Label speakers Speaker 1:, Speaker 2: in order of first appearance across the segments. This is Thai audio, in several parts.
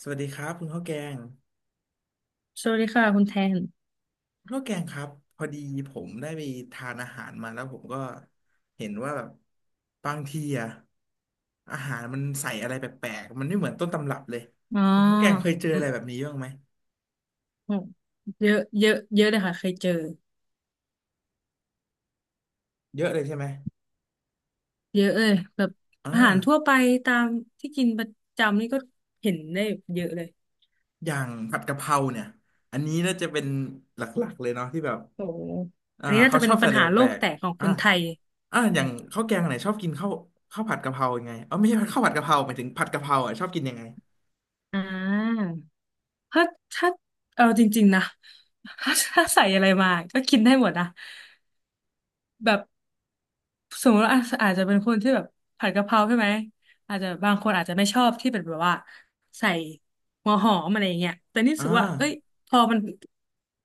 Speaker 1: สวัสดีครับคุณข้าวแกง
Speaker 2: สวัสดีค่ะคุณแทน
Speaker 1: คุณข้าวแกงครับพอดีผมได้ไปทานอาหารมาแล้วผมก็เห็นว่าแบบบางทีอะอาหารมันใส่อะไรแปลกๆมันไม่เหมือนต้นตำรับเลย
Speaker 2: อ๋อ
Speaker 1: คุณข้าวแกงเคยเจอ
Speaker 2: อื
Speaker 1: อะ
Speaker 2: ม
Speaker 1: ไรแบบนี้บ้างไหม
Speaker 2: อืมเยอะเยอะ เยอะเลยค่ะเคยเจอ
Speaker 1: เยอะเลยใช่ไหม
Speaker 2: เยอะเลยแบบ
Speaker 1: อ่า
Speaker 2: อาหารทั่วไปตามที่กินประจำนี่ก็เห็นได้เยอะเลย
Speaker 1: อย่างผัดกะเพราเนี่ยอันนี้น่าจะเป็นหลักๆเลยเนาะที่แบบ
Speaker 2: โอ้โหอันนี้น่า
Speaker 1: เขา
Speaker 2: จะ
Speaker 1: ช
Speaker 2: เป็
Speaker 1: อ
Speaker 2: น
Speaker 1: บใส่
Speaker 2: ปัญ
Speaker 1: อะไร
Speaker 2: หาโล
Speaker 1: แปล
Speaker 2: ก
Speaker 1: ก
Speaker 2: แตกของ
Speaker 1: ๆ
Speaker 2: คนไทยอื
Speaker 1: อย่า
Speaker 2: ม
Speaker 1: งข้าวแกงไหนชอบกินข้าวข้าวผัดกะเพรายังไงเออไม่ใช่ข้าวผัดกะเพราหมายถึงผัดกะเพราอ่ะชอบกินยังไง
Speaker 2: อ่าถ้าถ้า เอาจริงๆนะ ถ้าใส่อะไรมาก็กินได้หมดนะ แบบ สมมติว่าอาจจะเป็นคนที่แบบผัดกะเพราใช่ไหมอาจจะบางคนอาจจะไม่ชอบที่เป็นแบบว่าใส่หัวหอมอะไรอย่างเงี้ยแต่นี่รู้
Speaker 1: อ่า
Speaker 2: สึกว่าเอ้ยพอมัน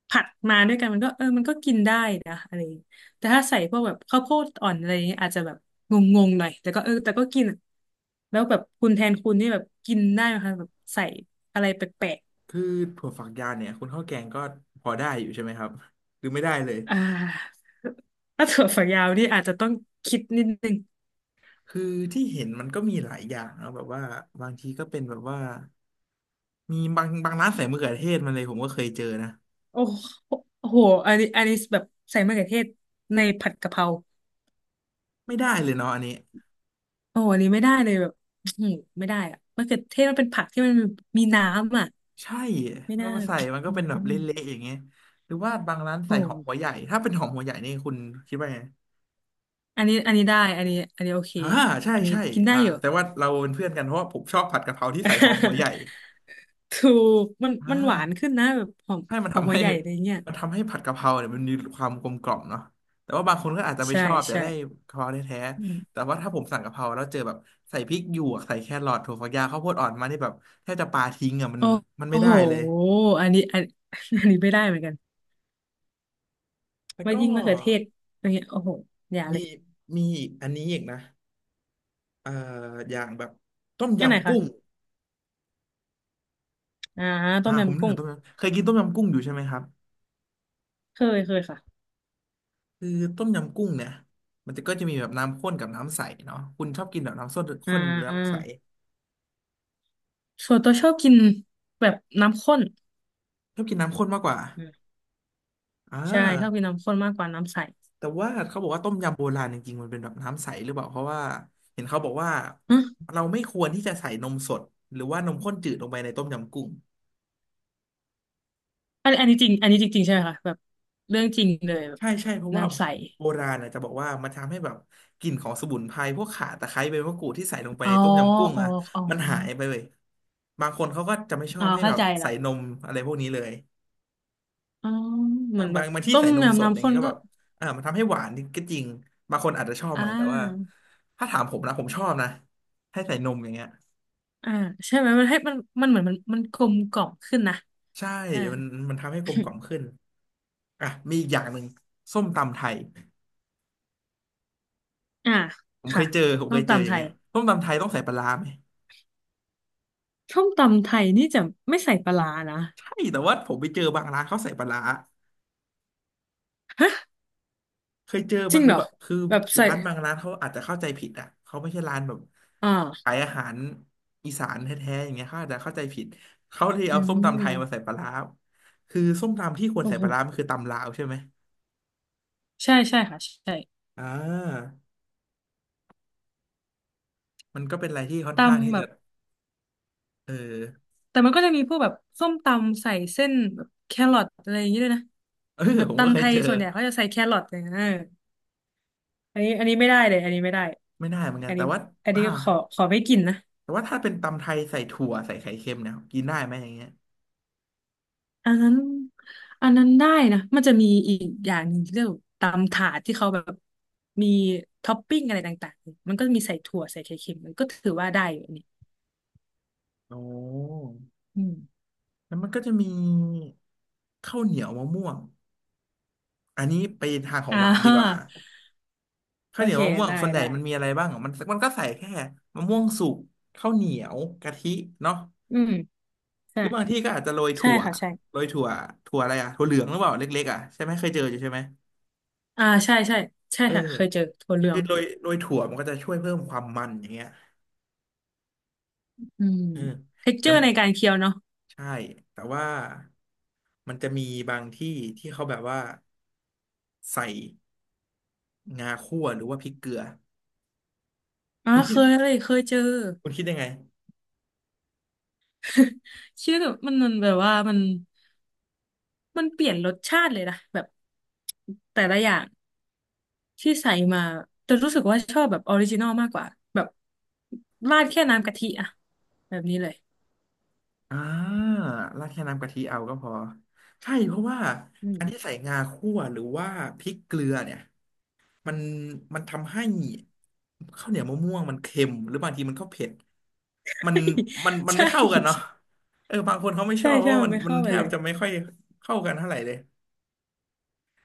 Speaker 2: ผัดมาด้วยกันมันก็เออมันก็กินได้นะอะไรอย่างเงี้ยแต่ถ้าใส่พวกแบบข้าวโพดอ่อนอะไรอย่างเงี้ยอาจจะแบบงงๆหน่อยแต่ก็เออแต่ก็กินอะแล้วแบบคุณแทนคุณนี่แบบกินได้ไหมคะแบบใส่อะไรแปลก
Speaker 1: คือถั่วฝักยาวเนี่ยคุณข้าวแกงก็พอได้อยู่ใช่ไหมครับหรือไม่ได้เลย
Speaker 2: ๆถ้าถั่วฝักยาวนี่อาจจะต้องคิดนิดนึง
Speaker 1: คือที่เห็นมันก็มีหลายอย่างนะแบบว่าบางทีก็เป็นแบบว่ามีบางร้านใส่มะเขือเทศมาเลยผมก็เคยเจอนะ
Speaker 2: โอ้โหโอ้โหอันนี้แบบใส่มะเขือเทศในผัดกะเพรา
Speaker 1: ไม่ได้เลยเนาะอันนี้
Speaker 2: โอ้โหอันนี้ไม่ได้เลยแบบอื้อหือไม่ได้อะมะเขือเทศมันเป็นผักที่มันมีน้ำอ่ะ
Speaker 1: ใช่
Speaker 2: ไม่
Speaker 1: เอา
Speaker 2: น่า
Speaker 1: มาใส่มันก็
Speaker 2: อื
Speaker 1: เป็นแบบเล
Speaker 2: ม
Speaker 1: ะๆอย่างเงี้ยหรือว่าบางร้าน
Speaker 2: โอ้
Speaker 1: ใส่หอ
Speaker 2: โห
Speaker 1: มหัวใหญ่ถ้าเป็นหอมหัวใหญ่นี่คุณคิดว่าไง
Speaker 2: อันนี้ได้อันนี้โอเค
Speaker 1: อ่าใช่
Speaker 2: อันนี้
Speaker 1: ใช่
Speaker 2: กินได้อยู่
Speaker 1: แต่ว่าเราเป็นเพื่อนกันเพราะว่าผมชอบผัดกะเพราที่ใส่หอมหัวให ญ่
Speaker 2: ถูกมัน
Speaker 1: อ่
Speaker 2: มันหวาน
Speaker 1: า
Speaker 2: ขึ้นนะแบบหอม
Speaker 1: ให้มัน
Speaker 2: หอม
Speaker 1: ทำ
Speaker 2: หั
Speaker 1: ให้
Speaker 2: วใหญ่อะไรเงี้ย
Speaker 1: มันทำให้ผัดกะเพราเนี่ยมันมีความกลมกล่อมเนาะแต่ว่าบางคนก็อาจจะไม่
Speaker 2: ใช่
Speaker 1: ชอบอยาก
Speaker 2: ใช่
Speaker 1: ได้กะเพราแท้
Speaker 2: อื
Speaker 1: ๆแต่
Speaker 2: ม
Speaker 1: ว่าถ้าผมสั่งกะเพราแล้วเจอแบบใส่พริกหยวกใส่แครอทถั่วฝักยาวข้าวโพดอ่อนมานี่แบบแทบจะปาทิ้งอ่ะ
Speaker 2: โอ้
Speaker 1: มันไม่
Speaker 2: โอ้
Speaker 1: ได้
Speaker 2: โห
Speaker 1: เลย
Speaker 2: อันนี้อัน อันนี้ไม่ได้เหมือนกัน
Speaker 1: แล้ว
Speaker 2: ว่า
Speaker 1: ก็
Speaker 2: ยิ่งมะเขือเทศอย่างเงี้ยโอ้โหอย่า
Speaker 1: มี
Speaker 2: เลย
Speaker 1: มีอันนี้อีกนะเอ่ออย่างแบบต้ม
Speaker 2: นันไหน
Speaker 1: ยำกุ้ง
Speaker 2: คะ อ่าต้ม
Speaker 1: ผม
Speaker 2: ยำ
Speaker 1: นึก
Speaker 2: กุ้
Speaker 1: ถึ
Speaker 2: ง
Speaker 1: งต้มยำเคยกินต้มยำกุ้งอยู่ใช่ไหมครับ
Speaker 2: เคยค่ะ
Speaker 1: คือต้มยำกุ้งเนี่ยมันก็จะมีแบบน้ำข้นกับน้ำใสเนาะคุณชอบกินแบบน้ำส้ม
Speaker 2: อ่
Speaker 1: ข้นหรือน้ำใส
Speaker 2: าส่วนตัวชอบกินแบบน้ำข้น
Speaker 1: ชอบกินน้ำข้นมากกว่า
Speaker 2: อืม
Speaker 1: อ่
Speaker 2: ใช่ชอบกิน
Speaker 1: า
Speaker 2: น้ำข้นมากกว่าน้ำใส
Speaker 1: แต่ว่าเขาบอกว่าต้มยำโบราณจริงๆมันเป็นแบบน้ำใสหรือเปล่าเพราะว่าเห็นเขาบอกว่า
Speaker 2: ฮะ
Speaker 1: เราไม่ควรที่จะใส่นมสดหรือว่านมข้นจืดลงไปในต้มยำกุ้ง
Speaker 2: อันนี้จริงอันนี้จริงๆใช่ไหมคะแบบเรื่องจริงเลยแบบ
Speaker 1: ใช่ใช่เพราะว่า
Speaker 2: น้ำใส
Speaker 1: โบราณนะจะบอกว่ามันทำให้แบบกลิ่นของสมุนไพรพวกข่าตะไคร้ใบมะกรูดที่ใส่ลงไป
Speaker 2: อ๋อ
Speaker 1: ในต้มยำกุ้ง
Speaker 2: อ๋อ
Speaker 1: อ่ะ
Speaker 2: อ๋อ
Speaker 1: มันหายไปเลยบางคนเขาก็จะไม่ชอ
Speaker 2: อ๋อ
Speaker 1: บให้
Speaker 2: เข้า
Speaker 1: แบบ
Speaker 2: ใจ
Speaker 1: ใส่
Speaker 2: ละ
Speaker 1: นมอะไรพวกนี้เลย
Speaker 2: อ๋อเห
Speaker 1: อ่ะ
Speaker 2: มือนแบบ
Speaker 1: บางที่
Speaker 2: ต้ม
Speaker 1: ใส่นมส
Speaker 2: ยำ
Speaker 1: ดอ
Speaker 2: น้ำ
Speaker 1: ย่าง
Speaker 2: ข้
Speaker 1: เงี้
Speaker 2: น
Speaker 1: ยก็
Speaker 2: ก็
Speaker 1: แบบมันทำให้หวานก็จริงบางคนอาจจะชอบ
Speaker 2: อ่
Speaker 1: ไหมแต่ว่า
Speaker 2: า
Speaker 1: ถ้าถามผมนะผมชอบนะให้ใส่นมอย่างเงี้ย
Speaker 2: อ่าใช่ไหมมันให้มันมันเหมือนมันกลมกล่อมขึ้นนะ
Speaker 1: ใช่
Speaker 2: อ่า
Speaker 1: มันมันทำให้กลมกล่อม ขึ้นอ่ะมีอีกอย่างหนึ่งส้มตำไทย
Speaker 2: อ่าค่ะ
Speaker 1: ผม
Speaker 2: ส้
Speaker 1: เค
Speaker 2: ม
Speaker 1: ยเจออ
Speaker 2: ตำ
Speaker 1: ย่า
Speaker 2: ไท
Speaker 1: งเงี้
Speaker 2: ย
Speaker 1: ยส้มตำไทยต้องใส่ปลาร้าไหม
Speaker 2: ส้มตำไทยนี่จะไม่ใส่ปลาร้านะ
Speaker 1: ใช่แต่ว่าผมไปเจอบางร้านเขาใส่ปลาร้า เคยเจอ
Speaker 2: จ
Speaker 1: มา
Speaker 2: ริงเหรอ
Speaker 1: คือ
Speaker 2: แบบใส่
Speaker 1: ร้านบางร้านเขาอาจจะเข้าใจผิดอ่ะเขาไม่ใช่ร้านแบบ
Speaker 2: อ
Speaker 1: ขา
Speaker 2: ่า
Speaker 1: ยอาหารอีสานแท้ๆอย่างเงี้ยเขาอาจจะเข้าใจผิดเขาเลย
Speaker 2: อื
Speaker 1: เอาส้มตำไทยมาใส่
Speaker 2: ม
Speaker 1: ปลาร้าคือส้มตำที่ควร
Speaker 2: โอ้
Speaker 1: ใส่ป
Speaker 2: โห
Speaker 1: ลาร้ามันคือตำลาวใช่ไหม
Speaker 2: ใช่ใช่ค่ะใช่
Speaker 1: อ่ามันก็เป็นอะไรที่ค่อนข้างที่
Speaker 2: ตำแบ
Speaker 1: จะ
Speaker 2: บ
Speaker 1: เออ
Speaker 2: แต่มันก็จะมีพวกแบบส้มตำใส่เส้นแบบแครอทอะไรอย่างเงี้ยด้วยนะ
Speaker 1: เออ
Speaker 2: แบบ
Speaker 1: ผมก็
Speaker 2: ตำ
Speaker 1: เค
Speaker 2: ไท
Speaker 1: ย
Speaker 2: ย
Speaker 1: เจอ
Speaker 2: ส่วนใหญ่เขาจะใส่แครอทอย่างเงี้ยเอออันนี้ไม่ได้เลยอันนี้ไม่ได้
Speaker 1: ไม่ได้เหมือนกั
Speaker 2: อั
Speaker 1: น
Speaker 2: น
Speaker 1: แต่
Speaker 2: นี้
Speaker 1: ว่า
Speaker 2: อัน
Speaker 1: อ่า
Speaker 2: นี้ขอไม่กินนะ
Speaker 1: แต่ว่าถ้าเป็นตำไทยใส่ถั่วใส่ไข่เค็มเนี่ยกินได้ไหมอย่างเงี้ย
Speaker 2: อันนั้นอันนั้นได้นะมันจะมีอีกอย่างหนึ่งที่เรียกว่าตำถาดที่เขาแบบมีท็อปปิ้งอะไรต่างๆมันก็มีใส่ถั่วใส่ไข่เค็มมันก็ถือว่าได้อยู่อันนี่
Speaker 1: โอ้
Speaker 2: อืม
Speaker 1: แล้วมันก็จะมีข้าวเหนียวมะม่วง อันนี้ไปทางของ
Speaker 2: อ่
Speaker 1: หวานดีกว่า
Speaker 2: า
Speaker 1: ข้า
Speaker 2: โอ
Speaker 1: วเหนีย
Speaker 2: เค
Speaker 1: วมะม่วง
Speaker 2: ได้
Speaker 1: ส่วนใหญ่
Speaker 2: ได้
Speaker 1: มันมีอะไรบ้างอ่ะมันก็ใส่แค่มะม่วงสุกข้าวเหนียวกะทิเนาะ
Speaker 2: อืม
Speaker 1: ห
Speaker 2: ใช่
Speaker 1: รือบางที่ก็อาจจะโรย
Speaker 2: ใช่
Speaker 1: ถั่ว
Speaker 2: ค่ะใช่
Speaker 1: โรยถั่วถั่วอะไรอ่ะถั่วเหลืองหรือเปล่าเล็กๆอ่ะใช่ไหมเคยเจออยู่ใช่ไหม
Speaker 2: อ่าใช่ใช่ใช่
Speaker 1: เออ
Speaker 2: ค่ะเคยเจอถั่วเหลือ
Speaker 1: คือ
Speaker 2: ง
Speaker 1: โรยถั่วมันก็จะช่วยเพิ่มความมันอย่างเงี้ย
Speaker 2: อืม
Speaker 1: เออ
Speaker 2: เท็กเจ
Speaker 1: แต่
Speaker 2: อร์ในการเคี้ยวเนาะ
Speaker 1: ใช่แต่ว่ามันจะมีบางที่ที่เขาแบบว่าใส่งาคั่วหรือว่าพริกเกลือ
Speaker 2: อ๋อ
Speaker 1: คุณ
Speaker 2: เค
Speaker 1: คิด
Speaker 2: ยเลยเคยเจอ
Speaker 1: คุณคิดยังไง
Speaker 2: ชื่อแบบมันมันแบบว่ามันมันเปลี่ยนรสชาติเลยนะแบบแต่ละอย่างที่ใส่มาแต่รู้สึกว่าชอบแบบออริจินอลมากกว่าแบบราดแค่น้ำกะทิอะแบบนี้เลย
Speaker 1: อ่าราดแค่น้ำกะทิเอาก็พอใช่เพราะว่า
Speaker 2: อืม
Speaker 1: อันที่ใส่งาคั่วหรือว่าพริกเกลือเนี่ยมันมันทำให้ข้าวเหนียวมะม่วงมันเค็มหรือบางทีมันก็เผ็ดมันมันไม่
Speaker 2: ใช่
Speaker 1: เข้ากันเนาะเออบางคนเขาไม่ช
Speaker 2: ใช่
Speaker 1: อบเพ
Speaker 2: ใช่
Speaker 1: ราะว่า
Speaker 2: มันไม่
Speaker 1: มัน
Speaker 2: เข้า
Speaker 1: แท
Speaker 2: กันเล
Speaker 1: บ
Speaker 2: ย
Speaker 1: จะไม่ค่อยเข้ากันเท่าไหร่เลย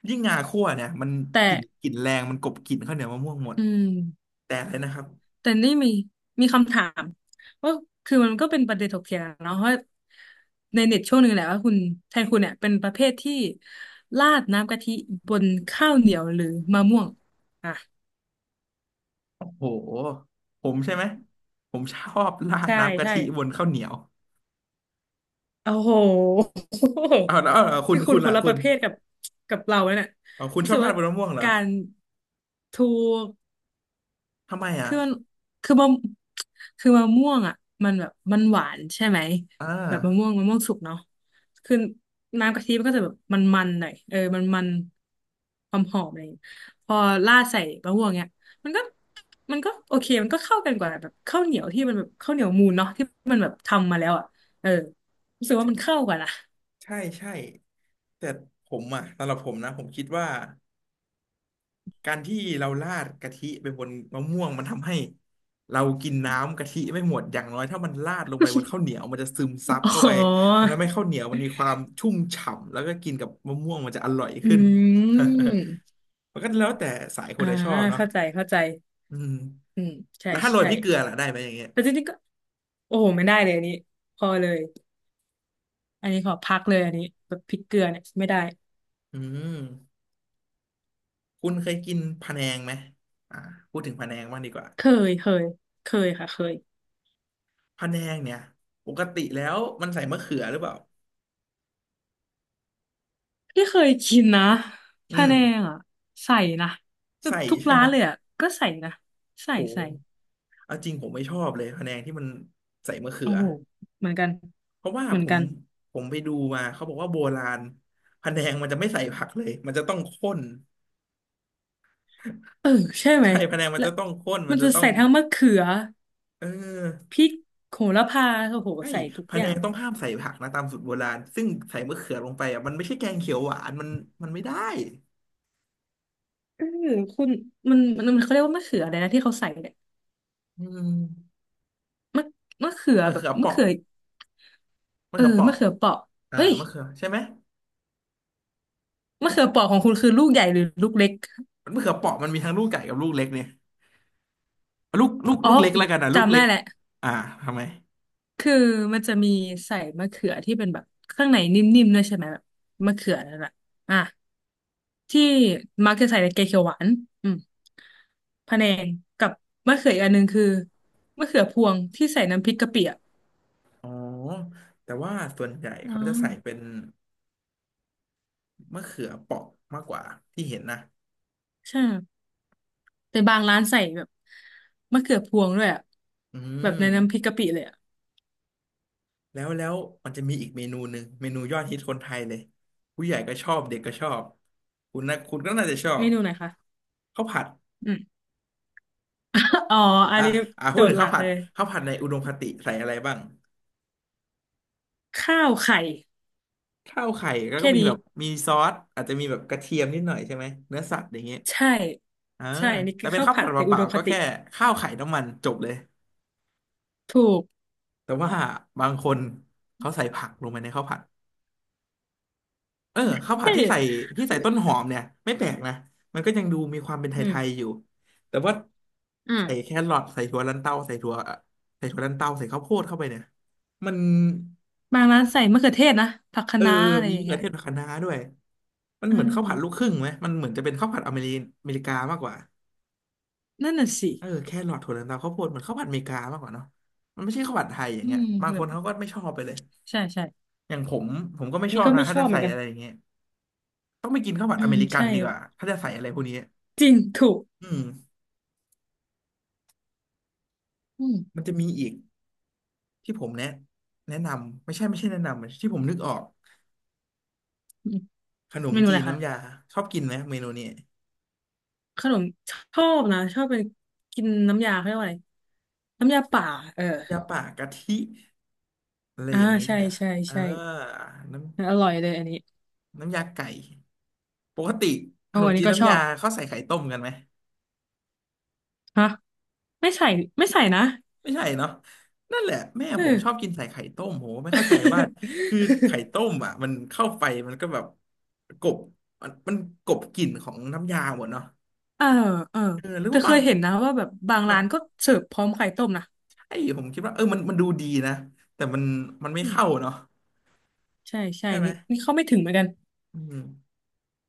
Speaker 1: ยิ่งงาคั่วเนี่ยมัน
Speaker 2: แต่
Speaker 1: กลิ่นแรงมันกลบกลิ่นข้าวเหนียวมะม่วงหมด
Speaker 2: อืม
Speaker 1: แต่เลยนะครับ
Speaker 2: แต่นี่มีมีคำถามว่าคือมันก็เป็นประเด็นถกเถียงเนาะว่าในเน็ตช่วงหนึ่งแหละว่าคุณแทนคุณเนี่ยเป็นประเภทที่ราดน้ำกะทิบนข้าวเหนียวหรือมะม่วงอ่ะ
Speaker 1: โอ้โหผมใช่ไหมผมชอบราด
Speaker 2: ใช่
Speaker 1: น้ำกะ
Speaker 2: ใช่
Speaker 1: ทิบนข้าวเหนียว
Speaker 2: โอ้โห
Speaker 1: เอาแล้วเอาแล้ว
Speaker 2: ที่คุ
Speaker 1: คุ
Speaker 2: ณ
Speaker 1: ณ
Speaker 2: ค
Speaker 1: ล่ะ
Speaker 2: นละ
Speaker 1: คุ
Speaker 2: ป
Speaker 1: ณ
Speaker 2: ระเภทกับกับเราเนี่ย
Speaker 1: อ๋อคุณ
Speaker 2: รู้
Speaker 1: ชอ
Speaker 2: สึ
Speaker 1: บ
Speaker 2: ก
Speaker 1: ราด
Speaker 2: ว่า
Speaker 1: บนมะม่วงเหรอ
Speaker 2: การถูก
Speaker 1: ทำไมอ่ะ
Speaker 2: คือมันคือมะคือมะม่วงอ่ะมันแบบมันหวานใช่ไหม
Speaker 1: อ่า
Speaker 2: แบบมะม่วงมะม่วงสุกเนาะคือน้ำกะทิมันก็จะแบบมันมันหน่อยเออมันความหอมอะไรอย่างเงี้ยพอราดใส่มะม่วงเนี่ยมันก็มันก็โอเคมันก็เข้ากันกว่าแบบข้าวเหนียวที่มันแบบข้าวเหนียวมูนเนาะที่มันแบบทำมาแล้วอ่ะเออรู้สึกว่ามันเข้ากันอ่ะ
Speaker 1: ใช่ใช่แต่ผมอ่ะสำหรับผมนะผมคิดว่าการที่เราราดกะทิไปบนมะม่วงมันทำให้เรากินน้ำกะทิไม่หมดอย่างน้อยถ้ามันราดลงไปบนข้าวเหนียวมันจะซึมซับ
Speaker 2: อ
Speaker 1: เข้า
Speaker 2: ๋
Speaker 1: ไป
Speaker 2: อ
Speaker 1: มันทำให้ข้าวเหนียวมันมีความชุ่มฉ่ำแล้วก็กินกับมะม่วงมันจะอร่อย
Speaker 2: อื
Speaker 1: ขึ้น
Speaker 2: ม
Speaker 1: มันก็แล้วแต่สายคน
Speaker 2: อ่า
Speaker 1: ใดชอบเนาะ
Speaker 2: เข้าใจเข้าใจ
Speaker 1: อืม
Speaker 2: อืมใช่
Speaker 1: แล้วถ้าโรย
Speaker 2: ใช่
Speaker 1: พริกเกลือล่ะได้ไหมอย่างเงี้ย
Speaker 2: แต่จริงๆก็โอ้โหไม่ได้เลยอันนี้พอเลยอันนี้ขอพักเลยอันนี้แบบพริกเกลือเนี่ยไม่ได้
Speaker 1: อืม คุณเคยกินพะแนงไหมอ่าพูดถึงพะแนงบ้างดีกว่า
Speaker 2: เคยเคยเคยค่ะเคย
Speaker 1: พะแนงเนี่ยปกติแล้วมันใส่มะเขือหรือเปล่า
Speaker 2: ที่เคยกินนะ
Speaker 1: อื
Speaker 2: พะ
Speaker 1: ม
Speaker 2: แนงอ่ะใส่นะแบบ
Speaker 1: ใส่
Speaker 2: ทุก
Speaker 1: ใช่
Speaker 2: ร้า
Speaker 1: ไหม
Speaker 2: นเลยอ่ะก็ใส่นะใส่
Speaker 1: โห
Speaker 2: ใส่
Speaker 1: เอาจริงผมไม่ชอบเลยพะแนงที่มันใส่มะเขื
Speaker 2: โอ้
Speaker 1: อ
Speaker 2: โหเหมือนกัน
Speaker 1: เพราะว่า
Speaker 2: เหมือ
Speaker 1: ผ
Speaker 2: น
Speaker 1: ม
Speaker 2: กัน
Speaker 1: ผมไปดูมาเขาบอกว่าโบราณพะแนงมันจะไม่ใส่ผักเลยมันจะต้องข้น
Speaker 2: เออใช่ ไหม
Speaker 1: ใช่พะแนงมัน
Speaker 2: แล้ว
Speaker 1: จะต้องข้นมั
Speaker 2: มั
Speaker 1: น
Speaker 2: น
Speaker 1: จะ
Speaker 2: จะ
Speaker 1: ต้อง
Speaker 2: ใส่ทั้งมะเขือ
Speaker 1: เออ
Speaker 2: พริกโหระพาโอ้โห
Speaker 1: ใช่
Speaker 2: ใส่ทุก
Speaker 1: พะ
Speaker 2: อ
Speaker 1: แน
Speaker 2: ย่า
Speaker 1: ง
Speaker 2: ง
Speaker 1: ต้องห้ามใส่ผักนะตามสูตรโบราณซึ่งใส่มะเขือลงไปอ่ะมันไม่ใช่แกงเขียวหวานมันไม่ได้
Speaker 2: เออคุณมันเขาเรียกว่ามะเขืออะไรนะที่เขาใส่เนี่ย
Speaker 1: อืม
Speaker 2: มะมะเขือ
Speaker 1: มะ
Speaker 2: แบบ
Speaker 1: เขือเป
Speaker 2: มะ
Speaker 1: ราะ
Speaker 2: เขือ
Speaker 1: มะ
Speaker 2: เออ
Speaker 1: เขือเปราะ
Speaker 2: มะเขือเปราะ
Speaker 1: อ่า
Speaker 2: เอ้ย
Speaker 1: มะเขือใช่ไหม
Speaker 2: มะเขือเปราะของคุณคือลูกใหญ่หรือลูกเล็ก
Speaker 1: มะเขือเปราะมันมีทั้งลูกใหญ่กับลูกเล็กเนี่ยเอาลูกลูก
Speaker 2: อ๋อ
Speaker 1: ลูกเล็กแล้วกันอ่ะลูก
Speaker 2: จำ
Speaker 1: เล็
Speaker 2: ได้
Speaker 1: ก
Speaker 2: แหละ
Speaker 1: อ่าทำไม
Speaker 2: คือมันจะมีใส่มะเขือที่เป็นแบบข้างในนิ่มๆด้วยใช่ไหมแบบมะเขือนั่นแหละอ่ะที่มักจะใส่ในแกงเขียวหวานอืมพะแนงกับมะเขืออีกอันหนึ่งคือมะเขือพวงที่ใส่น้ำพริกกะปิอ่ะ
Speaker 1: อ๋อแต่ว่าส่วนใหญ่
Speaker 2: อ๋อ
Speaker 1: เขาจะใส่เป็นมะเขือเปราะมากกว่าที่เห็นนะ
Speaker 2: ใช่แต่บางร้านใส่แบบมะเขือพวงด้วยอ่ะ
Speaker 1: อื
Speaker 2: แบบ
Speaker 1: ม
Speaker 2: ในน้ำพริกกะปิเลยอ่ะ
Speaker 1: แล้วมันจะมีอีกเมนูหนึ่งเมนูยอดฮิตคนไทยเลยผู้ใหญ่ก็ชอบ เด็กก็ชอบ คุณนะคุณก็น่าจะชอ
Speaker 2: เม
Speaker 1: บ
Speaker 2: นูไหนคะ
Speaker 1: ข้าวผัด
Speaker 2: อ๋ออัน
Speaker 1: อ่ะ
Speaker 2: นี้
Speaker 1: อ่ะพู
Speaker 2: โจ
Speaker 1: ด
Speaker 2: ท
Speaker 1: ถึง
Speaker 2: ย์หลั
Speaker 1: ข้าว
Speaker 2: ก
Speaker 1: ผัด
Speaker 2: เลย
Speaker 1: ข้าวผัดในอุดมคติใส่อะไรบ้าง
Speaker 2: ข้าวไข่
Speaker 1: ข้าวไข่แล้วก็
Speaker 2: แค่
Speaker 1: มี
Speaker 2: นี้
Speaker 1: แบบมีซอสอาจจะมีแบบกระเทียมนิดหน่อยใช่ไหมเนื้อสัตว์อย่างเงี้ย
Speaker 2: ใช่
Speaker 1: อ่า
Speaker 2: ใช่อันนี้
Speaker 1: แต่
Speaker 2: คือ
Speaker 1: เป็น
Speaker 2: ข้าว
Speaker 1: ข้าว
Speaker 2: ผั
Speaker 1: ผั
Speaker 2: ด
Speaker 1: ด
Speaker 2: ใน
Speaker 1: เป
Speaker 2: อุด
Speaker 1: ล่า
Speaker 2: ม
Speaker 1: ๆ
Speaker 2: ค
Speaker 1: ก็
Speaker 2: ติ
Speaker 1: แค่ข้าวไข่น้ำมันจบเลย
Speaker 2: ถูก
Speaker 1: แต่ว่าบางคนเขาใส่ผักลงไปในข้าวผัดเออข้าวผัด
Speaker 2: ใช่
Speaker 1: ที่ใส่ที่ใส่ต้นหอมเนี่ยไม่แปลกนะมันก็ยังดูมีความเป็นไท
Speaker 2: อื
Speaker 1: ยๆ
Speaker 2: ม
Speaker 1: อยู่แต่ว่า
Speaker 2: อืม
Speaker 1: ใส่แครอทใส่ถั่วลันเต้าใส่ถั่วลันเต้าใส่ข้าวโพดเข้าไปเนี่ยมัน
Speaker 2: บางร้านใส่มะเขือเทศนะผักคะ
Speaker 1: เออ
Speaker 2: น้าอะไร
Speaker 1: มี
Speaker 2: อย่าง
Speaker 1: มะเขื
Speaker 2: เงี้
Speaker 1: อ
Speaker 2: ย
Speaker 1: เทศกับคะน้าด้วยมัน
Speaker 2: อื
Speaker 1: เหมือนข้าวผัดลูกค
Speaker 2: ม
Speaker 1: รึ่งไหมมันเหมือนจะเป็นข้าวผัดอเมริกามากกว่า
Speaker 2: นั่นน่ะสิ
Speaker 1: เออแครอทถั่วเหลืองตามข้าวโพดเหมือนข้าวผัดอเมริกามากกว่าเนาะมันไม่ใช่ข้าวผัดไทยอย่าง
Speaker 2: อื
Speaker 1: เงี้ย
Speaker 2: ม
Speaker 1: บาง
Speaker 2: แบ
Speaker 1: ค
Speaker 2: บ
Speaker 1: นเขาก็ไม่ชอบไปเลย
Speaker 2: ใช่ใช่
Speaker 1: อย่างผมผมก็ไม่ช
Speaker 2: นี่
Speaker 1: อบ
Speaker 2: ก็
Speaker 1: นะ
Speaker 2: ไม่
Speaker 1: ถ้า
Speaker 2: ชอ
Speaker 1: จะ
Speaker 2: บเหมื
Speaker 1: ใส่
Speaker 2: อนกัน
Speaker 1: อะไรอย่างเงี้ยต้องไปกินข้าวผัด
Speaker 2: อื
Speaker 1: อ
Speaker 2: ม
Speaker 1: เมริกัน
Speaker 2: ใช่
Speaker 1: ดีกว่าถ้าจะใส่อะไรพวกนี้
Speaker 2: จริงถูก
Speaker 1: อืม
Speaker 2: อืม
Speaker 1: มันจะมีอีกที่ผมแนะแนะนำไม่ใช่ไม่ใช่แนะนำที่ผมนึกออก
Speaker 2: อืม
Speaker 1: ขนม
Speaker 2: เมนู
Speaker 1: จี
Speaker 2: อะไร
Speaker 1: น
Speaker 2: คะ
Speaker 1: น้ำยาชอบกินไหมเมนูนี้
Speaker 2: ขนมชอบนะชอบเป็นกินน้ำยาเขาเรียกว่าอะไรน้ำยาป่าเออ
Speaker 1: ยาป่ากะทิอะไร
Speaker 2: อ่า
Speaker 1: อย่างนี้
Speaker 2: ใช่
Speaker 1: เนี่ย
Speaker 2: ใช่
Speaker 1: เออ
Speaker 2: ใช่
Speaker 1: น้
Speaker 2: อร่อยเลยอันนี้
Speaker 1: ำน้ำยาไก่ปกติข
Speaker 2: โอ้
Speaker 1: น
Speaker 2: อั
Speaker 1: ม
Speaker 2: น
Speaker 1: จี
Speaker 2: นี้
Speaker 1: น
Speaker 2: ก็ช
Speaker 1: น้ำ
Speaker 2: อ
Speaker 1: ยา
Speaker 2: บ
Speaker 1: เขาใส่ไข่ต้มกันไหม
Speaker 2: ฮะไม่ใส่ไม่ใส่นะ
Speaker 1: ไม่ใช่เนาะนั่นแหละแม่ผ
Speaker 2: เอ
Speaker 1: ม
Speaker 2: อ
Speaker 1: ชอบกินใส่ไข่ต้มผมไม่เข้าใจว่าคือไข่ต้มอ่ะมันเข้าไปมันก็แบบกบมันกบกลิ่นของน้ำยาหมดเนาะ
Speaker 2: เออเออ
Speaker 1: เออหรือ
Speaker 2: แต่
Speaker 1: ว่า
Speaker 2: เค
Speaker 1: บาง
Speaker 2: ยเห็นนะว่าแบบบาง
Speaker 1: แบ
Speaker 2: ร้าน
Speaker 1: บ
Speaker 2: ก็เสิร์ฟพร้อมไข่ต้มนะ
Speaker 1: ไอ้ผมคิดว่าเออมันมันดูดีนะแต่มันมันไม่
Speaker 2: อืม
Speaker 1: เข้าเนาะ
Speaker 2: ใช่ใช่
Speaker 1: ใช่ไหม
Speaker 2: นี่นี่เข้าไม่ถึงเหมือนกัน
Speaker 1: อืม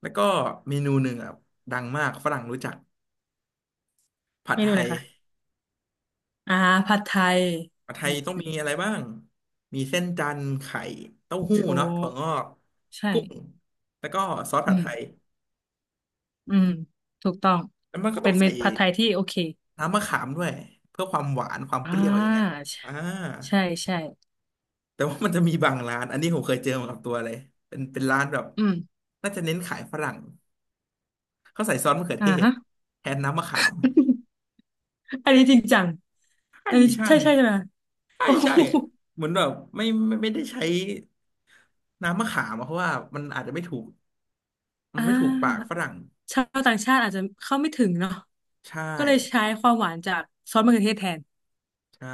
Speaker 1: แล้วก็เมนูหนึ่งอ่ะดังมากฝรั่งรู้จักผัด
Speaker 2: เม
Speaker 1: ไท
Speaker 2: นูไหน
Speaker 1: ย
Speaker 2: คะอ่าผัดไทย
Speaker 1: ผัดไท
Speaker 2: อื
Speaker 1: ย
Speaker 2: ม
Speaker 1: ต้อง
Speaker 2: อืม
Speaker 1: มีอะไรบ้างมีเส้นจันทร์ไข่เต้าหู้
Speaker 2: ถู
Speaker 1: เนาะถั่ว
Speaker 2: ก
Speaker 1: งอก
Speaker 2: ใช่
Speaker 1: กุ้งแล้วก็ซอส
Speaker 2: อื
Speaker 1: ผัดไทย
Speaker 2: มอืมถูกต้อง
Speaker 1: แล้วมันก็ต้
Speaker 2: เป็
Speaker 1: อ
Speaker 2: น
Speaker 1: ง
Speaker 2: เม
Speaker 1: ใส่
Speaker 2: นูผัดไทยที่โอเค
Speaker 1: น้ำมะขามด้วยเพื่อความหวานความ
Speaker 2: อ่า
Speaker 1: เปรี้ยวอย่างเงี้ยอ่า
Speaker 2: ใช่ใช่
Speaker 1: แต่ว่ามันจะมีบางร้านอันนี้ผมเคยเจอมากับตัวเลยเป็นเป็นร้านแบบ
Speaker 2: อืม
Speaker 1: น่าจะเน้นขายฝรั่งเขาใส่ซอสมะเขือ
Speaker 2: อ่า
Speaker 1: เทศ
Speaker 2: ฮะ
Speaker 1: แทนน้ำมะขาม
Speaker 2: อันนี้จริงจัง
Speaker 1: ใช่
Speaker 2: อันนี้
Speaker 1: ใช่
Speaker 2: ใช่ใช่ใช่ไหม
Speaker 1: ใช่
Speaker 2: โอ้โ
Speaker 1: ใช่
Speaker 2: ห
Speaker 1: เหมือนแบบไม่ได้ใช้น้ำมะขามอะเพราะว่ามันอาจจะไม่ถูกมั
Speaker 2: อ่
Speaker 1: นไม่ถูกปาก
Speaker 2: า
Speaker 1: ฝรั่ง
Speaker 2: ชาวต่างชาติอาจจะเข้าไม่ถึงเนาะ
Speaker 1: ใช่
Speaker 2: ก็เลยใช้ความหวานจากซอสมะเขือเทศแทน
Speaker 1: ใช่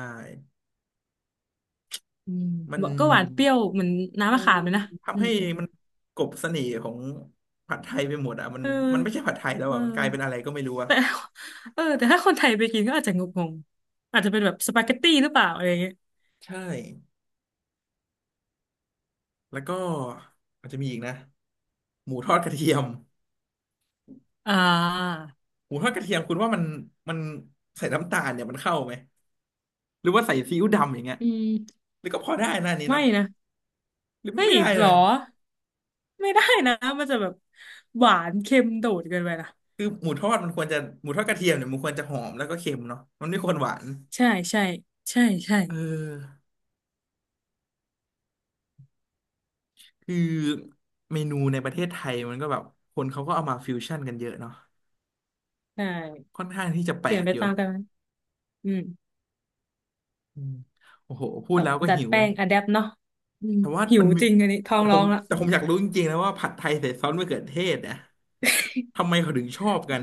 Speaker 2: อืม
Speaker 1: มัน
Speaker 2: บอกก็หวานเปรี้ยวเหมือนน้ำ
Speaker 1: มั
Speaker 2: มะ
Speaker 1: น
Speaker 2: ขามเลยนะอื
Speaker 1: ทำ
Speaker 2: ม
Speaker 1: ให้
Speaker 2: อืม
Speaker 1: มันกลบเสน่ห์ของผัดไทยไปหมดอ่ะมัน
Speaker 2: อืม
Speaker 1: มันไม่ใช่ผัดไทยแล้ว
Speaker 2: เออ
Speaker 1: อ่ะมันกลายเป็นอะไรก็ไม่รู้อ่ะ
Speaker 2: เออแต่ เออแต่ถ้าคนไทยไปกินก็อาจจะงงๆอาจจะเป็นแบบสปาเกตตี้หรือเปล่าอะไรอย่างเงี้ย
Speaker 1: ใช่แล้วก็มันจะมีอีกนะหมูทอดกระเทียม
Speaker 2: อ่า
Speaker 1: หมูทอดกระเทียมคุณว่ามันมันใส่น้ำตาลเนี่ยมันเข้าไหมหรือว่าใส่ซีอิ๊ว
Speaker 2: อืม
Speaker 1: ดำอย่างเงี้ย
Speaker 2: อืม
Speaker 1: หรือก็พอได้นะอันนี้
Speaker 2: ไม่
Speaker 1: เนาะ
Speaker 2: นะ
Speaker 1: หรือ
Speaker 2: เฮ้
Speaker 1: ไม่
Speaker 2: ย
Speaker 1: ได้เล
Speaker 2: หรอ
Speaker 1: ย
Speaker 2: ไม่ได้นะมันจะแบบหวานเค็มโดดเกินไปนะ
Speaker 1: คือหมูทอดมันควรจะหมูทอดกระเทียมเนี่ยมันควรจะหอมแล้วก็เค็มเนาะมันไม่ควรหวาน
Speaker 2: ใช่ใช่ใช่ใช่
Speaker 1: เออ คือเมนูในประเทศไทยมันก็แบบคนเขาก็เอามาฟิวชั่นกันเยอะเนาะ
Speaker 2: ใช่
Speaker 1: ค่อนข้างที่จะแป
Speaker 2: เป
Speaker 1: ล
Speaker 2: ลี่ยน
Speaker 1: ก
Speaker 2: ไป
Speaker 1: อยู่
Speaker 2: ตามกันไหมอืม
Speaker 1: อืมโอ้โหพู
Speaker 2: แบ
Speaker 1: ด
Speaker 2: บ
Speaker 1: แล้วก็
Speaker 2: ดัด
Speaker 1: หิว
Speaker 2: แป้งอะแดปเนาะอืม
Speaker 1: แต่ว่า
Speaker 2: หิว
Speaker 1: มันมี
Speaker 2: จริงอันนี้ท้อ
Speaker 1: แต่
Speaker 2: ง
Speaker 1: ผ
Speaker 2: ร้อ
Speaker 1: ม
Speaker 2: งละ
Speaker 1: แต่ผมอยากรู้จริงๆนะว่าผัดไทยใส่ซอสมะเขือเทศเนี่ยทำไม เขาถึงชอบกัน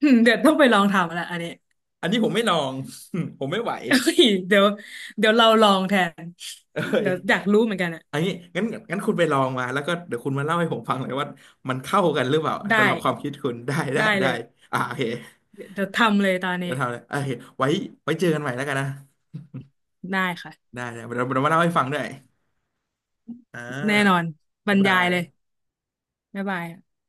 Speaker 2: อืมเดี๋ยวต้องไปลองทำละอันนี้
Speaker 1: อันนี้ผมไม่ลอง ผมไม่ไหว
Speaker 2: เฮ้ยเดี๋ยวเดี๋ยวเราลองแทน
Speaker 1: เอ้ย
Speaker 2: เดี๋ยวอยากรู้เหมือนกันอะ
Speaker 1: อันนี้งั้นงั้นคุณไปลองมาแล้วก็เดี๋ยวคุณมาเล่าให้ผมฟังเลยว่ามันเข้ากันหรือเปล่า
Speaker 2: ได้
Speaker 1: สำหรับความคิดคุณได้ได้
Speaker 2: ได้
Speaker 1: ได้
Speaker 2: เลย
Speaker 1: อ่าโอเค
Speaker 2: เดี๋ยวทำเลยตอนนี้
Speaker 1: จะทำเลยโอเคไว้ไว้เจอกันใหม่แล้วกันนะ
Speaker 2: ได้ค่ะ
Speaker 1: ได้เดี๋ยวเรามาเล่าให้ฟังด้วย อ่
Speaker 2: แน่นอน
Speaker 1: า
Speaker 2: บร
Speaker 1: บ๊าย
Speaker 2: ร
Speaker 1: บา
Speaker 2: ยายเลย
Speaker 1: ย
Speaker 2: บ๊ายบาย